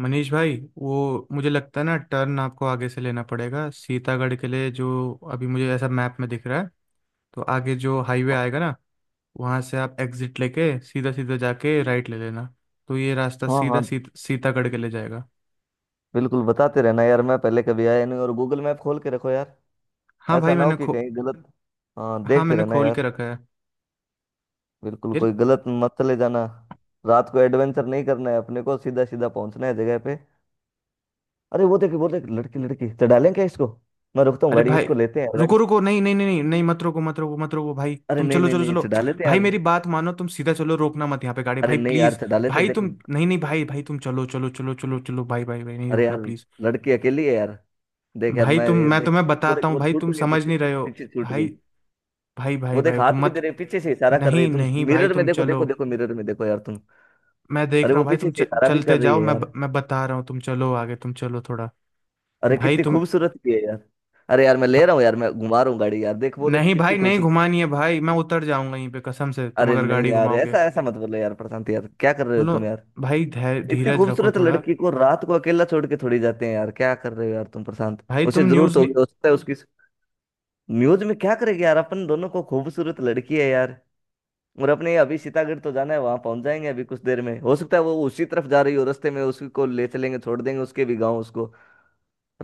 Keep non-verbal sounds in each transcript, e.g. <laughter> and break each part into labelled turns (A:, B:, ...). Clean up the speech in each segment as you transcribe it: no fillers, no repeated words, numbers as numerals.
A: मनीष भाई, वो मुझे लगता है ना, टर्न आपको आगे से लेना पड़ेगा सीतागढ़ के लिए, जो अभी मुझे ऐसा मैप में दिख रहा है। तो आगे जो हाईवे आएगा ना, वहां से आप एग्जिट लेके सीधा सीधा जाके राइट ले लेना। तो ये रास्ता
B: हाँ हाँ।
A: सीतागढ़ के ले जाएगा।
B: बिल्कुल बताते रहना यार, मैं पहले कभी आया नहीं। और गूगल मैप खोल के रखो यार,
A: हाँ
B: ऐसा
A: भाई,
B: ना हो
A: मैंने
B: कि
A: खो
B: कहीं गलत। हाँ
A: हाँ,
B: देखते
A: मैंने
B: रहना
A: खोल के
B: यार।
A: रखा है
B: बिल्कुल,
A: यार।
B: कोई गलत मत चले जाना। रात को एडवेंचर नहीं करना है, अपने को सीधा सीधा पहुंचना है जगह पे। अरे वो देख, लड़की लड़की, चढ़ा लें क्या इसको? मैं रुकता हूँ
A: अरे
B: गाड़ी,
A: भाई,
B: इसको लेते हैं यार, गाड़ी।
A: रुको रुको, नहीं नहीं नहीं नहीं नहीं, मत रोको मत रोको मत रोको। भाई
B: अरे
A: तुम
B: नहीं
A: चलो
B: नहीं
A: चलो
B: नहीं,
A: चलो।
B: चढ़ा लेते हैं
A: भाई
B: यार।
A: मेरी बात मानो, तुम सीधा चलो, रोकना मत यहाँ पे गाड़ी,
B: अरे
A: भाई
B: नहीं यार
A: प्लीज।
B: चढ़ा लेते हैं,
A: भाई
B: देखो।
A: तुम नहीं नहीं भाई भाई, तुम चलो चलो चलो चलो चलो, भाई भाई भाई, नहीं,
B: अरे
A: रोकना
B: यार,
A: प्लीज।
B: लड़की अकेली है यार। देख यार,
A: भाई
B: मैं
A: तुम
B: ये
A: मैं
B: देख।
A: तुम्हें
B: वो
A: बताता
B: देख,
A: हूँ,
B: वो
A: भाई
B: छूट
A: तुम
B: गई
A: समझ
B: पीछे,
A: नहीं रहे हो।
B: पीछे छूट
A: भाई
B: गई।
A: भाई भाई,
B: वो देख,
A: भाई
B: हाथ
A: तुम
B: भी
A: मत
B: दे रही है, पीछे से इशारा कर रही है
A: नहीं
B: तुम।
A: नहीं भाई,
B: मिरर में
A: तुम
B: देखो,
A: चलो।
B: देखो, देखो, मिरर में देखो यार तुम।
A: मैं देख
B: अरे
A: रहा
B: वो
A: हूँ भाई,
B: पीछे
A: तुम
B: से इशारा भी कर
A: चलते
B: रही
A: जाओ,
B: है यार।
A: मैं बता रहा हूँ, तुम चलो आगे, तुम चलो थोड़ा।
B: अरे
A: भाई
B: कितनी
A: तुम
B: खूबसूरत भी है यार। अरे यार मैं ले
A: भा,
B: रहा हूँ यार, मैं घुमा रहा हूँ गाड़ी यार, देख वो देख
A: नहीं
B: कितनी
A: भाई, नहीं
B: खूबसूरत।
A: घुमानी है भाई, मैं उतर जाऊंगा यहीं पे, कसम से, तुम
B: अरे
A: अगर
B: नहीं
A: गाड़ी
B: यार,
A: घुमाओगे।
B: ऐसा ऐसा मत बोलो यार प्रशांत, यार क्या कर रहे हो
A: सुनो
B: तुम यार।
A: भाई,
B: इतनी
A: धीरज रखो
B: खूबसूरत
A: थोड़ा।
B: लड़की को रात को अकेला छोड़ के थोड़ी जाते हैं यार, क्या कर रहे हो यार तुम प्रशांत।
A: भाई
B: उसे
A: तुम
B: जरूरत
A: न्यूज़
B: होगी,
A: नहीं
B: हो सकता है उसकी। म्यूज में क्या करेगी यार, अपन दोनों को, खूबसूरत लड़की है यार। और अपने अभी सीतागढ़ तो जाना है, वहां पहुंच जाएंगे अभी कुछ देर में। हो सकता है वो उसी तरफ जा रही हो, रास्ते में उसी को ले चलेंगे, छोड़ देंगे उसके भी गांव उसको।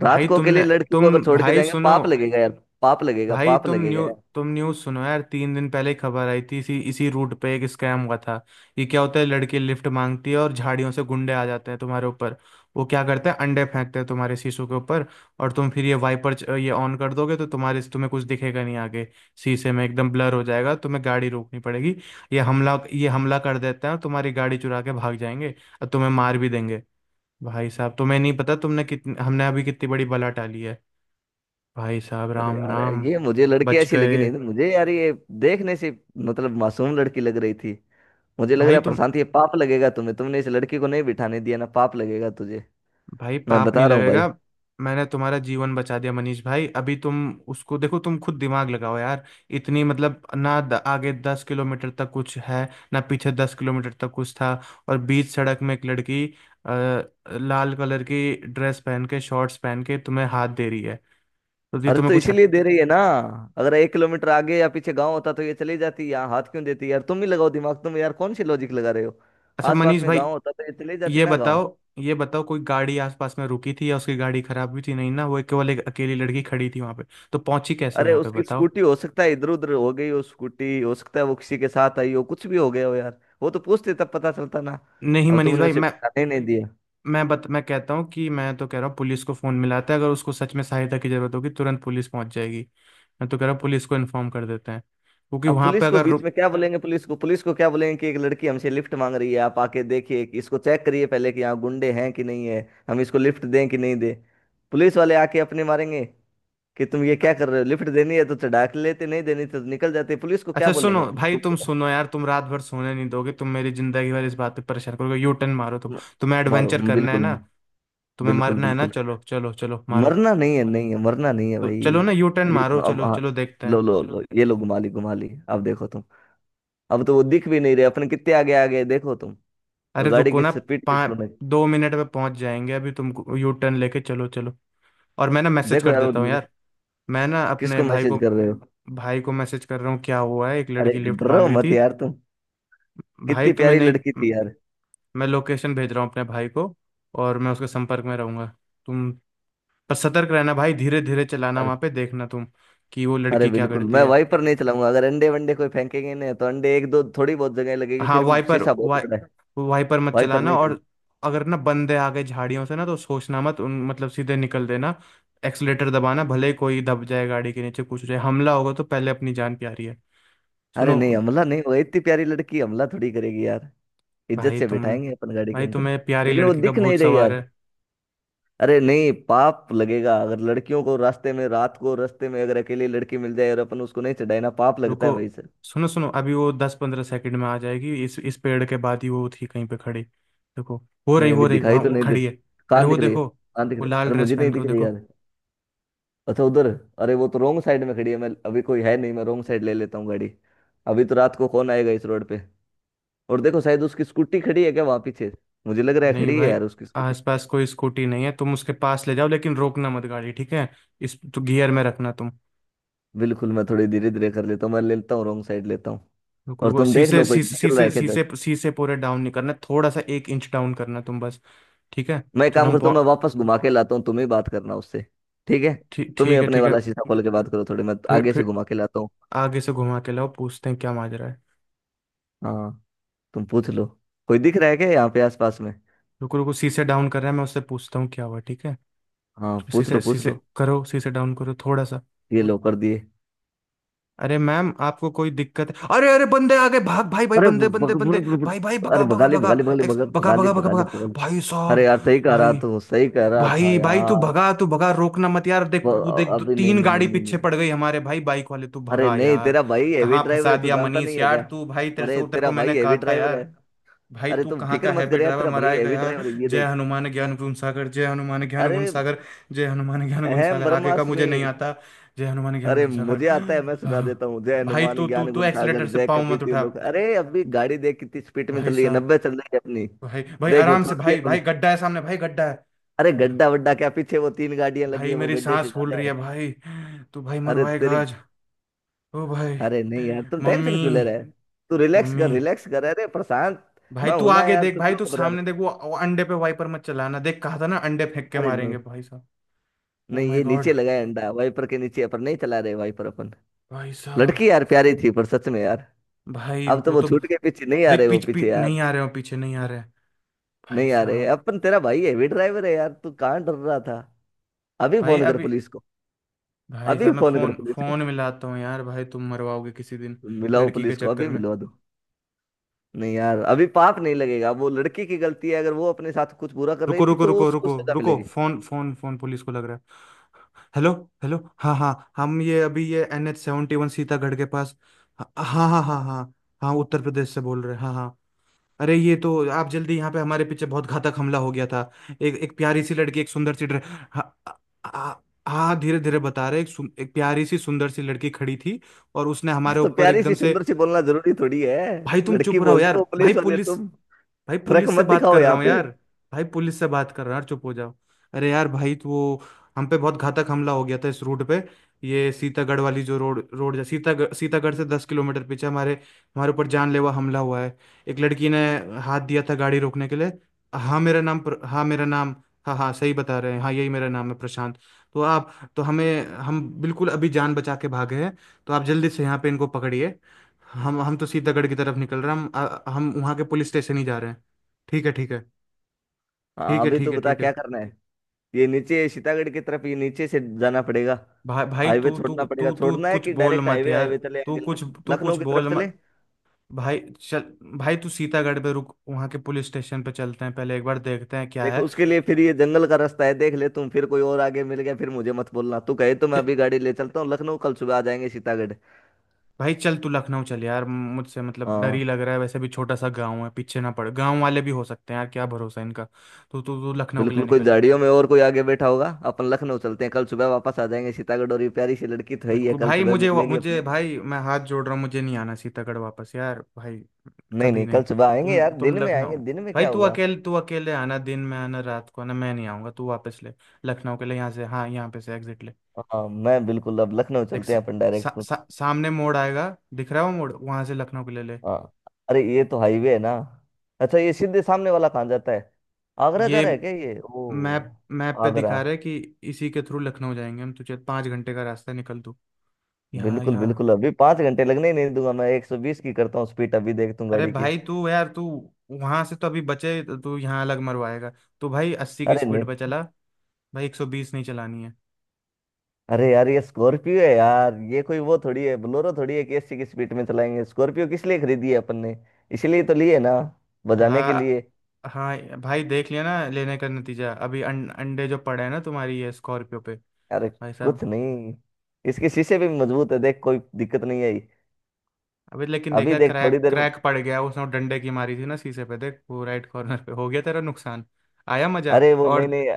B: रात
A: भाई
B: को अकेले
A: तुमने
B: लड़की को
A: तुम
B: अगर छोड़ के
A: भाई
B: जाएंगे
A: सुनो,
B: पाप लगेगा यार। पाप लगेगा,
A: भाई
B: पाप
A: तुम
B: लगेगा
A: न्यू
B: यार।
A: तुम न्यूज़ सुनो यार। 3 दिन पहले ही खबर आई थी, इसी इसी रूट पे एक स्कैम हुआ था। ये क्या होता है, लड़की लिफ्ट मांगती है, और झाड़ियों से गुंडे आ जाते हैं तुम्हारे ऊपर। वो क्या करते हैं, अंडे फेंकते हैं तुम्हारे शीशों के ऊपर। और तुम फिर ये वाइपर ये ऑन कर दोगे, तो तुम्हारे तुम्हें कुछ दिखेगा नहीं आगे। शीशे में एकदम ब्लर हो जाएगा, तुम्हें गाड़ी रोकनी पड़ेगी। ये हमला कर देते हैं, और तुम्हारी गाड़ी चुरा के भाग जाएंगे। और तुम्हें मार भी देंगे। भाई साहब तुम्हें नहीं पता, तुमने कितनी हमने अभी कितनी बड़ी बला टाली है। भाई साहब,
B: अरे
A: राम
B: यार,
A: राम।
B: ये मुझे लड़की
A: बच
B: ऐसी लगी
A: गए।
B: नहीं मुझे यार ये, देखने से। मतलब मासूम लड़की लग रही थी। मुझे लग रहा
A: भाई
B: है
A: तुम
B: प्रशांत, ये पाप लगेगा तुम्हें, तुमने इस लड़की को नहीं बिठाने दिया ना, पाप लगेगा तुझे।
A: भाई,
B: मैं
A: पाप नहीं
B: बता रहा हूँ भाई।
A: लगेगा। मैंने तुम्हारा जीवन बचा दिया मनीष भाई। अभी तुम उसको देखो, तुम खुद दिमाग लगाओ यार। इतनी, आगे 10 किलोमीटर तक कुछ है ना, पीछे 10 किलोमीटर तक कुछ था। और बीच सड़क में एक लड़की, आ, लाल कलर की ड्रेस पहन के, शॉर्ट्स पहन के, तुम्हें हाथ दे रही है। तो ये
B: अरे
A: तुम्हें
B: तो
A: कुछ।
B: इसीलिए दे रही है ना। अगर 1 किलोमीटर आगे या पीछे गांव होता तो ये चली जाती, यहाँ हाथ क्यों देती यार? तुम ही लगाओ दिमाग तुम यार, कौन सी लॉजिक लगा रहे हो।
A: अच्छा
B: आसपास
A: मनीष
B: में
A: भाई,
B: गांव होता तो ये चली जाती
A: ये
B: ना गांव।
A: बताओ, ये बताओ, कोई गाड़ी आसपास में रुकी थी? या उसकी गाड़ी खराब भी थी नहीं ना, वो केवल एक अकेली लड़की खड़ी थी वहां पे। तो पहुंची कैसे हो
B: अरे
A: यहाँ पे,
B: उसकी
A: बताओ।
B: स्कूटी हो सकता है इधर उधर हो गई हो, स्कूटी हो सकता है वो किसी के साथ आई हो, कुछ भी हो गया हो यार, वो तो पूछते तब पता चलता ना।
A: नहीं
B: अब
A: मनीष
B: तुमने
A: भाई,
B: उसे पहचाने ही नहीं दिया।
A: मैं कहता हूँ कि, मैं तो कह रहा हूँ, पुलिस को फोन मिलाते हैं, अगर उसको सच में सहायता की जरूरत होगी तुरंत पुलिस पहुंच जाएगी। मैं तो कह रहा हूँ पुलिस को इन्फॉर्म कर देते हैं, क्योंकि
B: अब
A: वहां पे
B: पुलिस को
A: अगर
B: बीच
A: रुक।
B: में क्या बोलेंगे? पुलिस को क्या बोलेंगे कि एक लड़की हमसे लिफ्ट मांग रही है, आप आके देखिए, कि इसको चेक करिए पहले कि यहाँ गुंडे हैं कि नहीं है, हम इसको लिफ्ट दें कि नहीं दें? पुलिस वाले आके अपने मारेंगे कि तुम ये
A: अ-
B: क्या कर रहे हो, लिफ्ट देनी है तो चढ़ा के लेते, नहीं देनी तो निकल जाते, पुलिस को क्या
A: अच्छा सुनो
B: बोलेंगे अपन
A: भाई,
B: तुम।
A: तुम सुनो यार, तुम रात भर सोने नहीं दोगे, तुम मेरी जिंदगी भर इस बात पे परेशान करोगे। यू टर्न मारो तुम। तुम्हें
B: मारो।
A: एडवेंचर करना है
B: बिल्कुल
A: ना, तुम्हें
B: बिल्कुल
A: मरना है ना,
B: बिल्कुल।
A: चलो चलो चलो, मारो।
B: मरना नहीं है, नहीं है मरना नहीं है
A: तो
B: भाई।
A: चलो ना, यू टर्न
B: ये तो
A: मारो,
B: अब,
A: चलो
B: हाँ,
A: चलो, देखते
B: लो
A: हैं।
B: लो लो, ये लो, घुमा ली घुमा ली, अब देखो तुम। अब तो वो दिख भी नहीं रहे, अपन कितने आगे आ गए देखो तुम। वो
A: अरे
B: गाड़ी
A: रुको
B: की
A: ना।
B: स्पीड
A: पाँच,
B: कितना है?
A: 2 मिनट में पहुंच जाएंगे अभी तुमको, यू टर्न लेके चलो चलो। और मैं ना मैसेज
B: देखो
A: कर
B: यार वो।
A: देता हूँ यार, मैं ना अपने
B: किसको
A: भाई
B: मैसेज
A: को।
B: कर रहे हो?
A: भाई को मैसेज कर रहा हूँ क्या हुआ है, एक
B: अरे
A: लड़की लिफ्ट
B: डरो
A: मांग रही
B: मत
A: थी।
B: यार तुम।
A: भाई
B: कितनी
A: तुम्हें
B: प्यारी
A: नहीं
B: लड़की थी यार।
A: मैं लोकेशन भेज रहा हूँ अपने भाई को, और मैं उसके संपर्क में रहूंगा। तुम पर सतर्क रहना भाई, धीरे धीरे चलाना,
B: अरे।
A: वहां पे देखना तुम, कि वो
B: अरे
A: लड़की क्या
B: बिल्कुल,
A: करती
B: मैं
A: है।
B: वहीं पर नहीं चलाऊंगा। अगर अंडे वंडे कोई फेंकेंगे ना, तो अंडे एक दो थोड़ी बहुत जगह लगेगी,
A: हाँ
B: फिर भी
A: वाइपर
B: शीशा बहुत
A: वाइ
B: बड़ा है।
A: वाइपर मत
B: वहीं पर
A: चलाना।
B: नहीं चल।
A: और अगर ना बंदे आ गए झाड़ियों से ना, तो सोचना मत उन, मतलब सीधे निकल देना। एक्सलेटर दबाना, भले ही कोई दब जाए गाड़ी के नीचे, कुछ हो जाए, हमला होगा तो पहले अपनी जान प्यारी है।
B: अरे
A: सुनो।
B: नहीं, हमला नहीं, वो इतनी प्यारी लड़की हमला थोड़ी करेगी यार। इज्जत
A: भाई
B: से
A: तुम
B: बिठाएंगे अपन गाड़ी के
A: भाई,
B: अंदर।
A: तुम्हें प्यारी
B: लेकिन वो
A: लड़की का
B: दिख
A: भूत
B: नहीं रही
A: सवार है।
B: यार। अरे नहीं, पाप लगेगा। अगर लड़कियों को रास्ते में, रात को रास्ते में अगर अकेली लड़की मिल जाए और अपन उसको नहीं चढ़ाए ना, पाप लगता
A: रुको,
B: है भाई सर।
A: सुनो सुनो, अभी वो 10-15 सेकंड में आ जाएगी, इस पेड़ के बाद ही वो थी कहीं पे खड़ी, देखो। वो रही
B: नहीं अभी
A: वो रही,
B: दिखाई
A: वहाँ
B: तो
A: वो
B: नहीं दे।
A: खड़ी है। अरे
B: कहाँ
A: वो
B: दिख रही है?
A: देखो,
B: कहाँ दिख
A: वो
B: रही है?
A: लाल
B: अरे
A: ड्रेस
B: मुझे नहीं
A: पहन के,
B: दिख
A: वो
B: रही
A: देखो।
B: यार। अच्छा उधर। अरे वो तो रॉन्ग साइड में खड़ी है, मैं अभी, कोई है नहीं, मैं रॉन्ग साइड ले लेता हूँ गाड़ी। अभी तो रात को कौन आएगा इस रोड पे। और देखो शायद उसकी स्कूटी खड़ी है क्या वहां पीछे? मुझे लग रहा है
A: नहीं
B: खड़ी है
A: भाई,
B: यार उसकी स्कूटी।
A: आसपास कोई स्कूटी नहीं है। तुम उसके पास ले जाओ, लेकिन रोकना मत गाड़ी, ठीक है? इस तो गियर में रखना तुम।
B: बिल्कुल, मैं थोड़ी धीरे धीरे कर लेता हूँ, मैं लेता हूँ रॉन्ग साइड लेता हूँ।
A: रुको
B: और
A: रुको,
B: तुम देख
A: शीशे
B: लो कोई
A: शीशे
B: निकल रहा
A: शीशे
B: है फिर क्या
A: शीशे
B: इधर।
A: शीशे पूरे डाउन नहीं करना, थोड़ा सा एक इंच डाउन करना तुम बस। ठीक है।
B: मैं एक
A: चलो
B: काम
A: हम
B: करता हूँ, मैं
A: पहुं-
B: वापस घुमा के लाता हूँ, तुम ही बात करना उससे। ठीक है।
A: ठीक,
B: तुम ही
A: ठीक है,
B: अपने
A: ठीक है।
B: वाला शीशा खोल के बात करो थोड़ी, मैं
A: फिर
B: आगे से
A: फिर
B: घुमा के लाता हूँ।
A: आगे से घुमा के लाओ, पूछते हैं क्या माजरा है।
B: हाँ तुम पूछ लो। कोई दिख रहा है क्या यहाँ पे आसपास में?
A: रुको रुको, शीशे डाउन कर रहा है, मैं उससे पूछता हूँ क्या हुआ, ठीक है।
B: हाँ पूछ
A: शीशे
B: लो, पूछ
A: शीशे
B: लो।
A: करो, शीशे डाउन करो थोड़ा सा।
B: ये लो, कर दिए।
A: अरे मैम, आपको कोई दिक्कत है? अरे अरे, बंदे आ गए, भाग भाई भाई,
B: अरे
A: बंदे बंदे बंदे। भाई भाई, भगा
B: अरे
A: भगा
B: बगाली
A: भगा,
B: बगाली बगाली
A: एक्स, भगा
B: बगाली
A: भगा भगा भगा।
B: बगाली बगाली।
A: भाई
B: अरे
A: साहब,
B: यार सही कह रहा
A: भाई
B: तू, सही कह रहा था
A: भाई भाई, तू
B: यार।
A: भगा, तू भगा, रोकना मत यार। देख, वो देख, दो,
B: अभी नहीं
A: तीन
B: नहीं नहीं
A: गाड़ी
B: नहीं
A: पीछे
B: नहीं।
A: पड़ गई हमारे भाई, बाइक वाले। तू
B: अरे
A: भगा
B: नहीं,
A: यार।
B: तेरा भाई हेवी
A: कहाँ
B: ड्राइवर
A: फंसा
B: है, तू
A: दिया
B: जानता
A: मनीष
B: नहीं है क्या?
A: यार तू भाई, तेरे
B: अरे
A: से तेरे
B: तेरा
A: को मैंने
B: भाई
A: कहा
B: हेवी
A: था
B: ड्राइवर है।
A: यार। भाई
B: अरे
A: तू
B: तू
A: कहाँ
B: फिक्र
A: का
B: मत
A: हैवी
B: कर यार,
A: ड्राइवर,
B: तेरा भाई
A: मराएगा
B: हेवी
A: यार।
B: ड्राइवर है, ये
A: जय
B: देख।
A: हनुमान ज्ञान गुण सागर। जय हनुमान ज्ञान गुण
B: अरे
A: सागर। जय हनुमान ज्ञान गुण
B: अहम
A: सागर। आगे का मुझे
B: ब्रह्मास्मि।
A: नहीं आता। जय हनुमान ज्ञान
B: अरे
A: गुण सागर।
B: मुझे आता है, मैं सुना देता हूँ। जय
A: <gasps> भाई
B: हनुमान
A: तू तू
B: ज्ञान
A: तू
B: गुण सागर,
A: एक्सलेटर से
B: जय
A: पाँव मत
B: कपीति
A: उठा।
B: लोक। अरे अभी गाड़ी देख कितनी स्पीड में
A: भाई
B: चल रही है,
A: साहब,
B: 90 चल रही है अपनी।
A: भाई भाई
B: देखो
A: आराम से,
B: छोड़ दिया।
A: भाई भाई गड्ढा है सामने, भाई गड्ढा है।
B: अरे गड्ढा वड्ढा क्या, पीछे वो तीन गाड़ियां लगी
A: भाई
B: है, वो
A: मेरी
B: गड्ढे से
A: सांस फूल
B: ज्यादा
A: रही है
B: है।
A: भाई, तू भाई
B: अरे
A: मरवाएगा
B: तेरी।
A: आज। ओ भाई,
B: अरे नहीं यार, तुम
A: मम्मी,
B: टेंशन क्यों ले रहे है। तू रिलैक्स
A: मम्मी।
B: कर, रिलैक्स कर, अरे प्रशांत।
A: भाई
B: मैं
A: तू
B: हूं ना
A: आगे
B: यार,
A: देख,
B: तू
A: भाई
B: क्यों
A: तू
B: घबरा
A: सामने देख,
B: रहे।
A: वो अंडे पे वाइपर मत चलाना, देख, कहा था ना, अंडे फेंक के
B: अरे नहीं,
A: मारेंगे। भाई साहब, ओ
B: नहीं,
A: माय
B: ये
A: गॉड।
B: नीचे लगा है अंडा, वाइपर के नीचे, अपन नहीं चला रहे वाइपर अपन।
A: भाई साहब,
B: लड़की यार प्यारी थी पर, सच में यार।
A: भाई
B: अब तो
A: वो
B: वो
A: तो,
B: छूट के पीछे नहीं आ रहे वो पीछे
A: नहीं
B: यार।
A: आ रहे हो, पीछे नहीं आ रहे। भाई
B: नहीं आ रहे
A: साहब,
B: अपन, तेरा भाई हैवी ड्राइवर है यार, तू कहाँ डर रहा था। अभी
A: भाई
B: फोन कर
A: अभी
B: पुलिस को।
A: भाई
B: अभी
A: साहब, मैं
B: फोन कर
A: फोन
B: पुलिस को,
A: फोन मिलाता हूँ यार, भाई तुम मरवाओगे किसी दिन,
B: मिलाओ
A: लड़की के
B: पुलिस को,
A: चक्कर
B: अभी
A: में।
B: मिलवा दो। नहीं यार अभी पाप नहीं लगेगा, वो लड़की की गलती है, अगर वो अपने साथ कुछ बुरा कर रही
A: रुको
B: थी
A: रुको
B: तो वो
A: रुको
B: उसको
A: रुको
B: सजा
A: रुको,
B: मिलेगी।
A: फोन फोन फोन पुलिस को लग रहा है। हेलो। हेलो, हाँ हाँ, हम ये अभी ये NH 71 सीतागढ़ के पास। हाँ हाँ हाँ हाँ हाँ। हाँ, उत्तर प्रदेश से बोल रहे हैं, हाँ हाँ। अरे ये तो आप जल्दी यहाँ पे, हमारे पीछे बहुत घातक हमला हो गया था। एक एक प्यारी सी लड़की, एक सुंदर सी हाँ। हाँ। हाँ, धीरे धीरे बता रहे। एक प्यारी सी सुंदर सी लड़की खड़ी थी, और उसने हमारे
B: <laughs> तो
A: ऊपर
B: प्यारी
A: एकदम
B: सी
A: से।
B: सुंदर सी बोलना जरूरी थोड़ी है?
A: भाई तुम
B: लड़की
A: चुप रहो
B: बोल
A: यार
B: दो पुलिस वाले तुम,
A: भाई
B: फर्क
A: पुलिस से
B: मत
A: बात
B: दिखाओ
A: कर रहा
B: यहाँ
A: हूँ
B: पे।
A: यार। भाई पुलिस से बात कर रहा हूँ यार, चुप हो जाओ। अरे यार भाई तो वो, हम पे बहुत घातक हमला हो गया था इस रूट पे। ये सीतागढ़ वाली जो रोड, रोड जा सीतागढ़, सीतागढ़ से 10 किलोमीटर पीछे, हमारे हमारे ऊपर जानलेवा हमला हुआ है। एक लड़की ने हाथ दिया था गाड़ी रोकने के लिए। हाँ मेरा नाम, हाँ हाँ, सही बता रहे हैं, हाँ, यही मेरा नाम है, प्रशांत। तो आप तो हमें, हम बिल्कुल अभी जान बचा के भागे हैं, तो आप जल्दी से यहाँ पे इनको पकड़िए। हम तो सीतागढ़ की तरफ निकल रहे हैं, हम वहाँ के पुलिस स्टेशन ही जा रहे हैं, ठीक है, ठीक है।
B: हाँ
A: ठीक है,
B: अभी
A: ठीक
B: तो
A: है,
B: बता
A: ठीक
B: क्या
A: है।
B: करना है। ये नीचे सीतागढ़ की तरफ, ये नीचे से जाना पड़ेगा।
A: भाई भाई
B: हाईवे
A: तू तू
B: छोड़ना पड़ेगा,
A: तू तू
B: छोड़ना है
A: कुछ
B: कि
A: बोल
B: डायरेक्ट
A: मत
B: हाईवे,
A: यार,
B: हाईवे चले
A: तू
B: आगे
A: कुछ, तू कुछ
B: लखनऊ की
A: बोल
B: तरफ चले।
A: मत। भाई चल, भाई तू सीतागढ़ पे रुक, वहाँ के पुलिस स्टेशन पे चलते हैं पहले, एक बार देखते हैं क्या
B: देखो
A: है।
B: उसके लिए फिर ये जंगल का रास्ता है, देख ले तुम, फिर कोई और आगे मिल गया, फिर मुझे मत बोलना। तू कहे तो मैं
A: च,
B: अभी गाड़ी ले चलता हूँ लखनऊ, कल सुबह आ जाएंगे सीतागढ़।
A: भाई चल तू लखनऊ चल यार, मुझसे मतलब डर ही
B: हाँ
A: लग रहा है, वैसे भी छोटा सा गाँव है, पीछे ना पड़, गाँव वाले भी हो सकते हैं यार, क्या भरोसा इनका। तू तू तू लखनऊ के लिए
B: बिल्कुल, कोई
A: निकल।
B: झाड़ियों में और कोई आगे बैठा होगा। अपन लखनऊ चलते हैं, कल सुबह वापस आ जाएंगे सीतागढ़, और ये प्यारी सी लड़की तो है ही है,
A: बिल्कुल
B: कल
A: भाई,
B: सुबह
A: मुझे,
B: मिलेगी अपने।
A: मुझे भाई, मैं हाथ जोड़ रहा हूँ, मुझे नहीं आना सीतागढ़ वापस यार भाई,
B: नहीं
A: कभी
B: नहीं, कल
A: नहीं।
B: सुबह आएंगे
A: तुम
B: यार,
A: तुम
B: दिन में आएंगे,
A: लखनऊ,
B: दिन में
A: भाई
B: क्या
A: तू
B: होगा।
A: अकेले, तू अकेले आना, दिन में आना, रात को आना, मैं नहीं आऊंगा। तू वापस ले, लखनऊ के लिए यहाँ से, हाँ, यहाँ पे से एग्जिट ले।
B: हाँ मैं बिल्कुल अब लखनऊ
A: देख,
B: चलते हैं अपन डायरेक्ट तो।
A: सामने मोड़ आएगा, दिख रहा है वो मोड़, वहां से लखनऊ के लिए ले।
B: हाँ। अरे ये तो हाईवे है ना। अच्छा ये सीधे सामने वाला कहाँ जाता है? आगरा जा
A: ये
B: रहा है क्या ये, ओ?
A: मैप, मैप पे
B: आगरा।
A: दिखा रहा है कि इसी के थ्रू लखनऊ जाएंगे हम, तुझे 5 घंटे का रास्ता है, निकल तू। यहाँ,
B: बिल्कुल
A: यहाँ।
B: बिल्कुल, अभी 5 घंटे लगने ही नहीं दूंगा, मैं 120 की करता हूँ स्पीड, अभी देखता हूँ
A: अरे
B: गाड़ी की।
A: भाई तू यार तू, वहां से तो अभी बचे, तो तू यहाँ अलग मरवाएगा। तू भाई 80 की
B: अरे नहीं,
A: स्पीड पे चला, भाई 120 नहीं चलानी है।
B: अरे यार ये स्कॉर्पियो है यार, ये कोई वो थोड़ी है, बोलेरो थोड़ी है कि एसी की स्पीड में चलाएंगे। स्कॉर्पियो किस लिए खरीदी है अपन ने, इसीलिए तो लिए ना, बजाने के
A: हाँ,
B: लिए।
A: हाँ। भाई देख लिया ना लेने का नतीजा, अभी अंडे जो पड़े हैं ना तुम्हारी ये स्कॉर्पियो पे।
B: अरे
A: भाई
B: कुछ
A: साहब,
B: नहीं, इसके शीशे भी मजबूत है, देख कोई दिक्कत नहीं आई।
A: अभी लेकिन
B: अभी
A: देखा,
B: देख थोड़ी
A: क्रैक
B: देर में।
A: क्रैक पड़ गया, उसने वो डंडे की मारी थी ना शीशे पे, देख वो राइट कॉर्नर पे, हो गया तेरा नुकसान। आया मजा।
B: अरे वो नहीं
A: और
B: नहीं।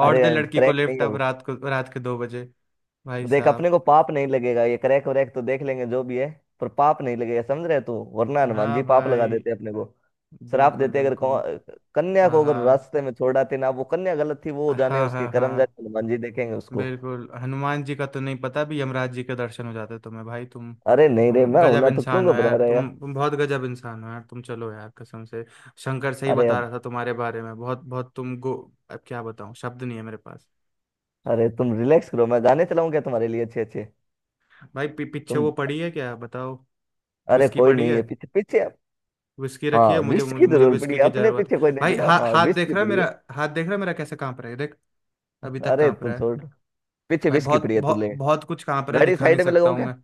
A: और
B: अरे
A: दे लड़की को
B: क्रैक नहीं
A: लिफ्ट
B: है
A: अब
B: वो।
A: रात को, रात के 2 बजे। भाई
B: देख, अपने
A: साहब।
B: को पाप नहीं लगेगा, ये क्रैक व्रैक तो देख लेंगे जो भी है। पर पाप नहीं लगेगा, समझ रहे तू, वरना हनुमान
A: हाँ
B: जी पाप लगा
A: भाई,
B: देते अपने को। श्राप
A: बिल्कुल
B: देते अगर
A: बिल्कुल।
B: कन्या
A: हाँ
B: को अगर
A: हाँ।
B: रास्ते में छोड़ आते ना। वो कन्या गलत थी, वो जाने
A: हाँ
B: उसके
A: हाँ
B: कर्म,
A: हाँ।
B: जाने हनुमान जी, देखेंगे उसको।
A: बिल्कुल, हनुमान जी का तो नहीं पता, भी यमराज जी के दर्शन हो जाते तुम्हें। भाई
B: अरे नहीं रे,
A: तुम
B: मैं हूं
A: गजब
B: ना तो क्यों
A: इंसान हो
B: घबरा
A: यार,
B: रहे यार।
A: तुम बहुत गजब इंसान हो यार, तुम चलो यार, कसम से। शंकर सही
B: अरे
A: बता
B: अब।
A: रहा था तुम्हारे बारे में, बहुत बहुत तुम गो अब क्या बताऊं, शब्द नहीं है मेरे पास।
B: अरे तुम रिलैक्स करो, मैं गाने चलाऊं क्या तुम्हारे लिए, अच्छे अच्छे।
A: भाई, पीछे
B: तुम।
A: वो पड़ी है क्या, बताओ।
B: अरे
A: विस्की
B: कोई
A: पड़ी
B: नहीं
A: है,
B: है पीछे पीछे।
A: विस्की रखी
B: हाँ
A: है, मुझे
B: विश की
A: मुझे, मुझे
B: जरूर पड़ी
A: विस्की
B: है,
A: की
B: अपने
A: जरूरत
B: पीछे कोई
A: है
B: नहीं
A: भाई।
B: पड़ा, हाँ
A: हाथ
B: विश की
A: देख रहा है
B: पड़ी है।
A: मेरा, हाथ देख रहा है मेरा कैसे कांप रहा है, देख, अभी तक
B: अरे
A: कांप
B: तुम
A: रहा है।
B: छोड़। पीछे
A: भाई
B: विश की
A: बहुत
B: पड़ी है, तू
A: बहुत
B: ले।
A: बहुत कुछ कांप रहा है,
B: गाड़ी
A: दिखा नहीं
B: साइड में
A: सकता
B: लगाऊं
A: हूँ
B: क्या?
A: मैं।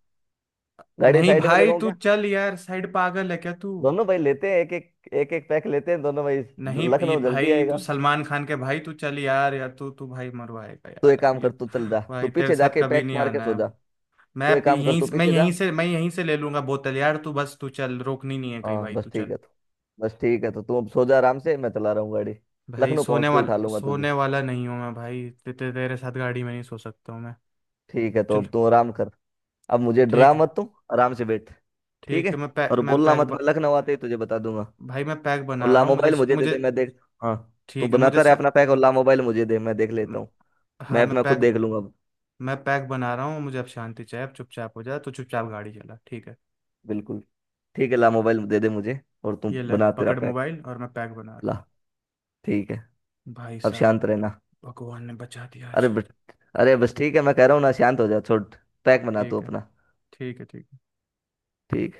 B: गाड़ी
A: नहीं
B: साइड में
A: भाई,
B: लगाऊं
A: तू
B: क्या?
A: चल यार, साइड, पागल है क्या तू।
B: दोनों भाई लेते हैं, एक एक, एक एक पैक लेते हैं दोनों भाई।
A: नहीं ये
B: लखनऊ जल्दी
A: भाई, तू
B: आएगा।
A: सलमान खान के भाई, तू चल यार यार, तू तू भाई मरवाएगा
B: तू एक
A: यार
B: काम
A: ये।
B: कर, तू चल जा, तू
A: भाई तेरे
B: पीछे
A: साथ
B: जाके
A: कभी
B: पैक
A: नहीं
B: मार के सो
A: आना है।
B: जा। तू एक काम कर,
A: यहीं,
B: तू पीछे जा।
A: मैं यहीं से ले लूंगा बोतल यार। तू बस तू चल, रोकनी नहीं है कहीं,
B: हाँ
A: भाई तू
B: बस ठीक
A: चल।
B: है तो, बस ठीक है तो तू अब सो जा आराम से, मैं चला रहा हूँ गाड़ी।
A: भाई,
B: लखनऊ पहुंच के उठा लूंगा तुझे।
A: सोने वाला नहीं हूँ मैं भाई, ते, ते, तेरे साथ गाड़ी में नहीं सो सकता हूँ मैं।
B: ठीक है तो
A: चल
B: अब तू आराम कर। अब मुझे डरा
A: ठीक है।
B: मत तू। आराम से बैठ। ठीक
A: ठीक
B: है।
A: है, मैं पैक
B: और
A: मैं
B: बोलना मत, मैं लखनऊ आते ही तुझे बता दूंगा।
A: भाई मैं पैक
B: और
A: बना
B: ला
A: रहा हूँ, मुझे
B: मोबाइल मुझे दे
A: मुझे।
B: दे, मैं देख। हाँ, तू
A: ठीक है,
B: बनाता रहे अपना पैक, और ला मोबाइल मुझे दे, मैं देख लेता हूँ।
A: हाँ,
B: मैप मैं खुद देख लूंगा।
A: मैं पैक बना रहा हूँ, मुझे अब शांति चाहिए, अब चुपचाप हो जा, तो चुपचाप गाड़ी चला, ठीक है।
B: बिल्कुल। ठीक है, ला मोबाइल दे दे मुझे। और तू
A: ये ले,
B: बना तेरा
A: पकड़
B: पैक।
A: मोबाइल, और मैं पैक बना रहा
B: ला। ठीक है।
A: हूँ, भाई
B: अब
A: साहब।
B: शांत रहना।
A: भगवान ने बचा दिया
B: अरे
A: आज।
B: बस, अरे बस ठीक है, मैं कह रहा हूँ ना, शांत हो जा छोड़। पैक बना तू
A: ठीक है,
B: अपना।
A: ठीक है, ठीक है।
B: ठीक।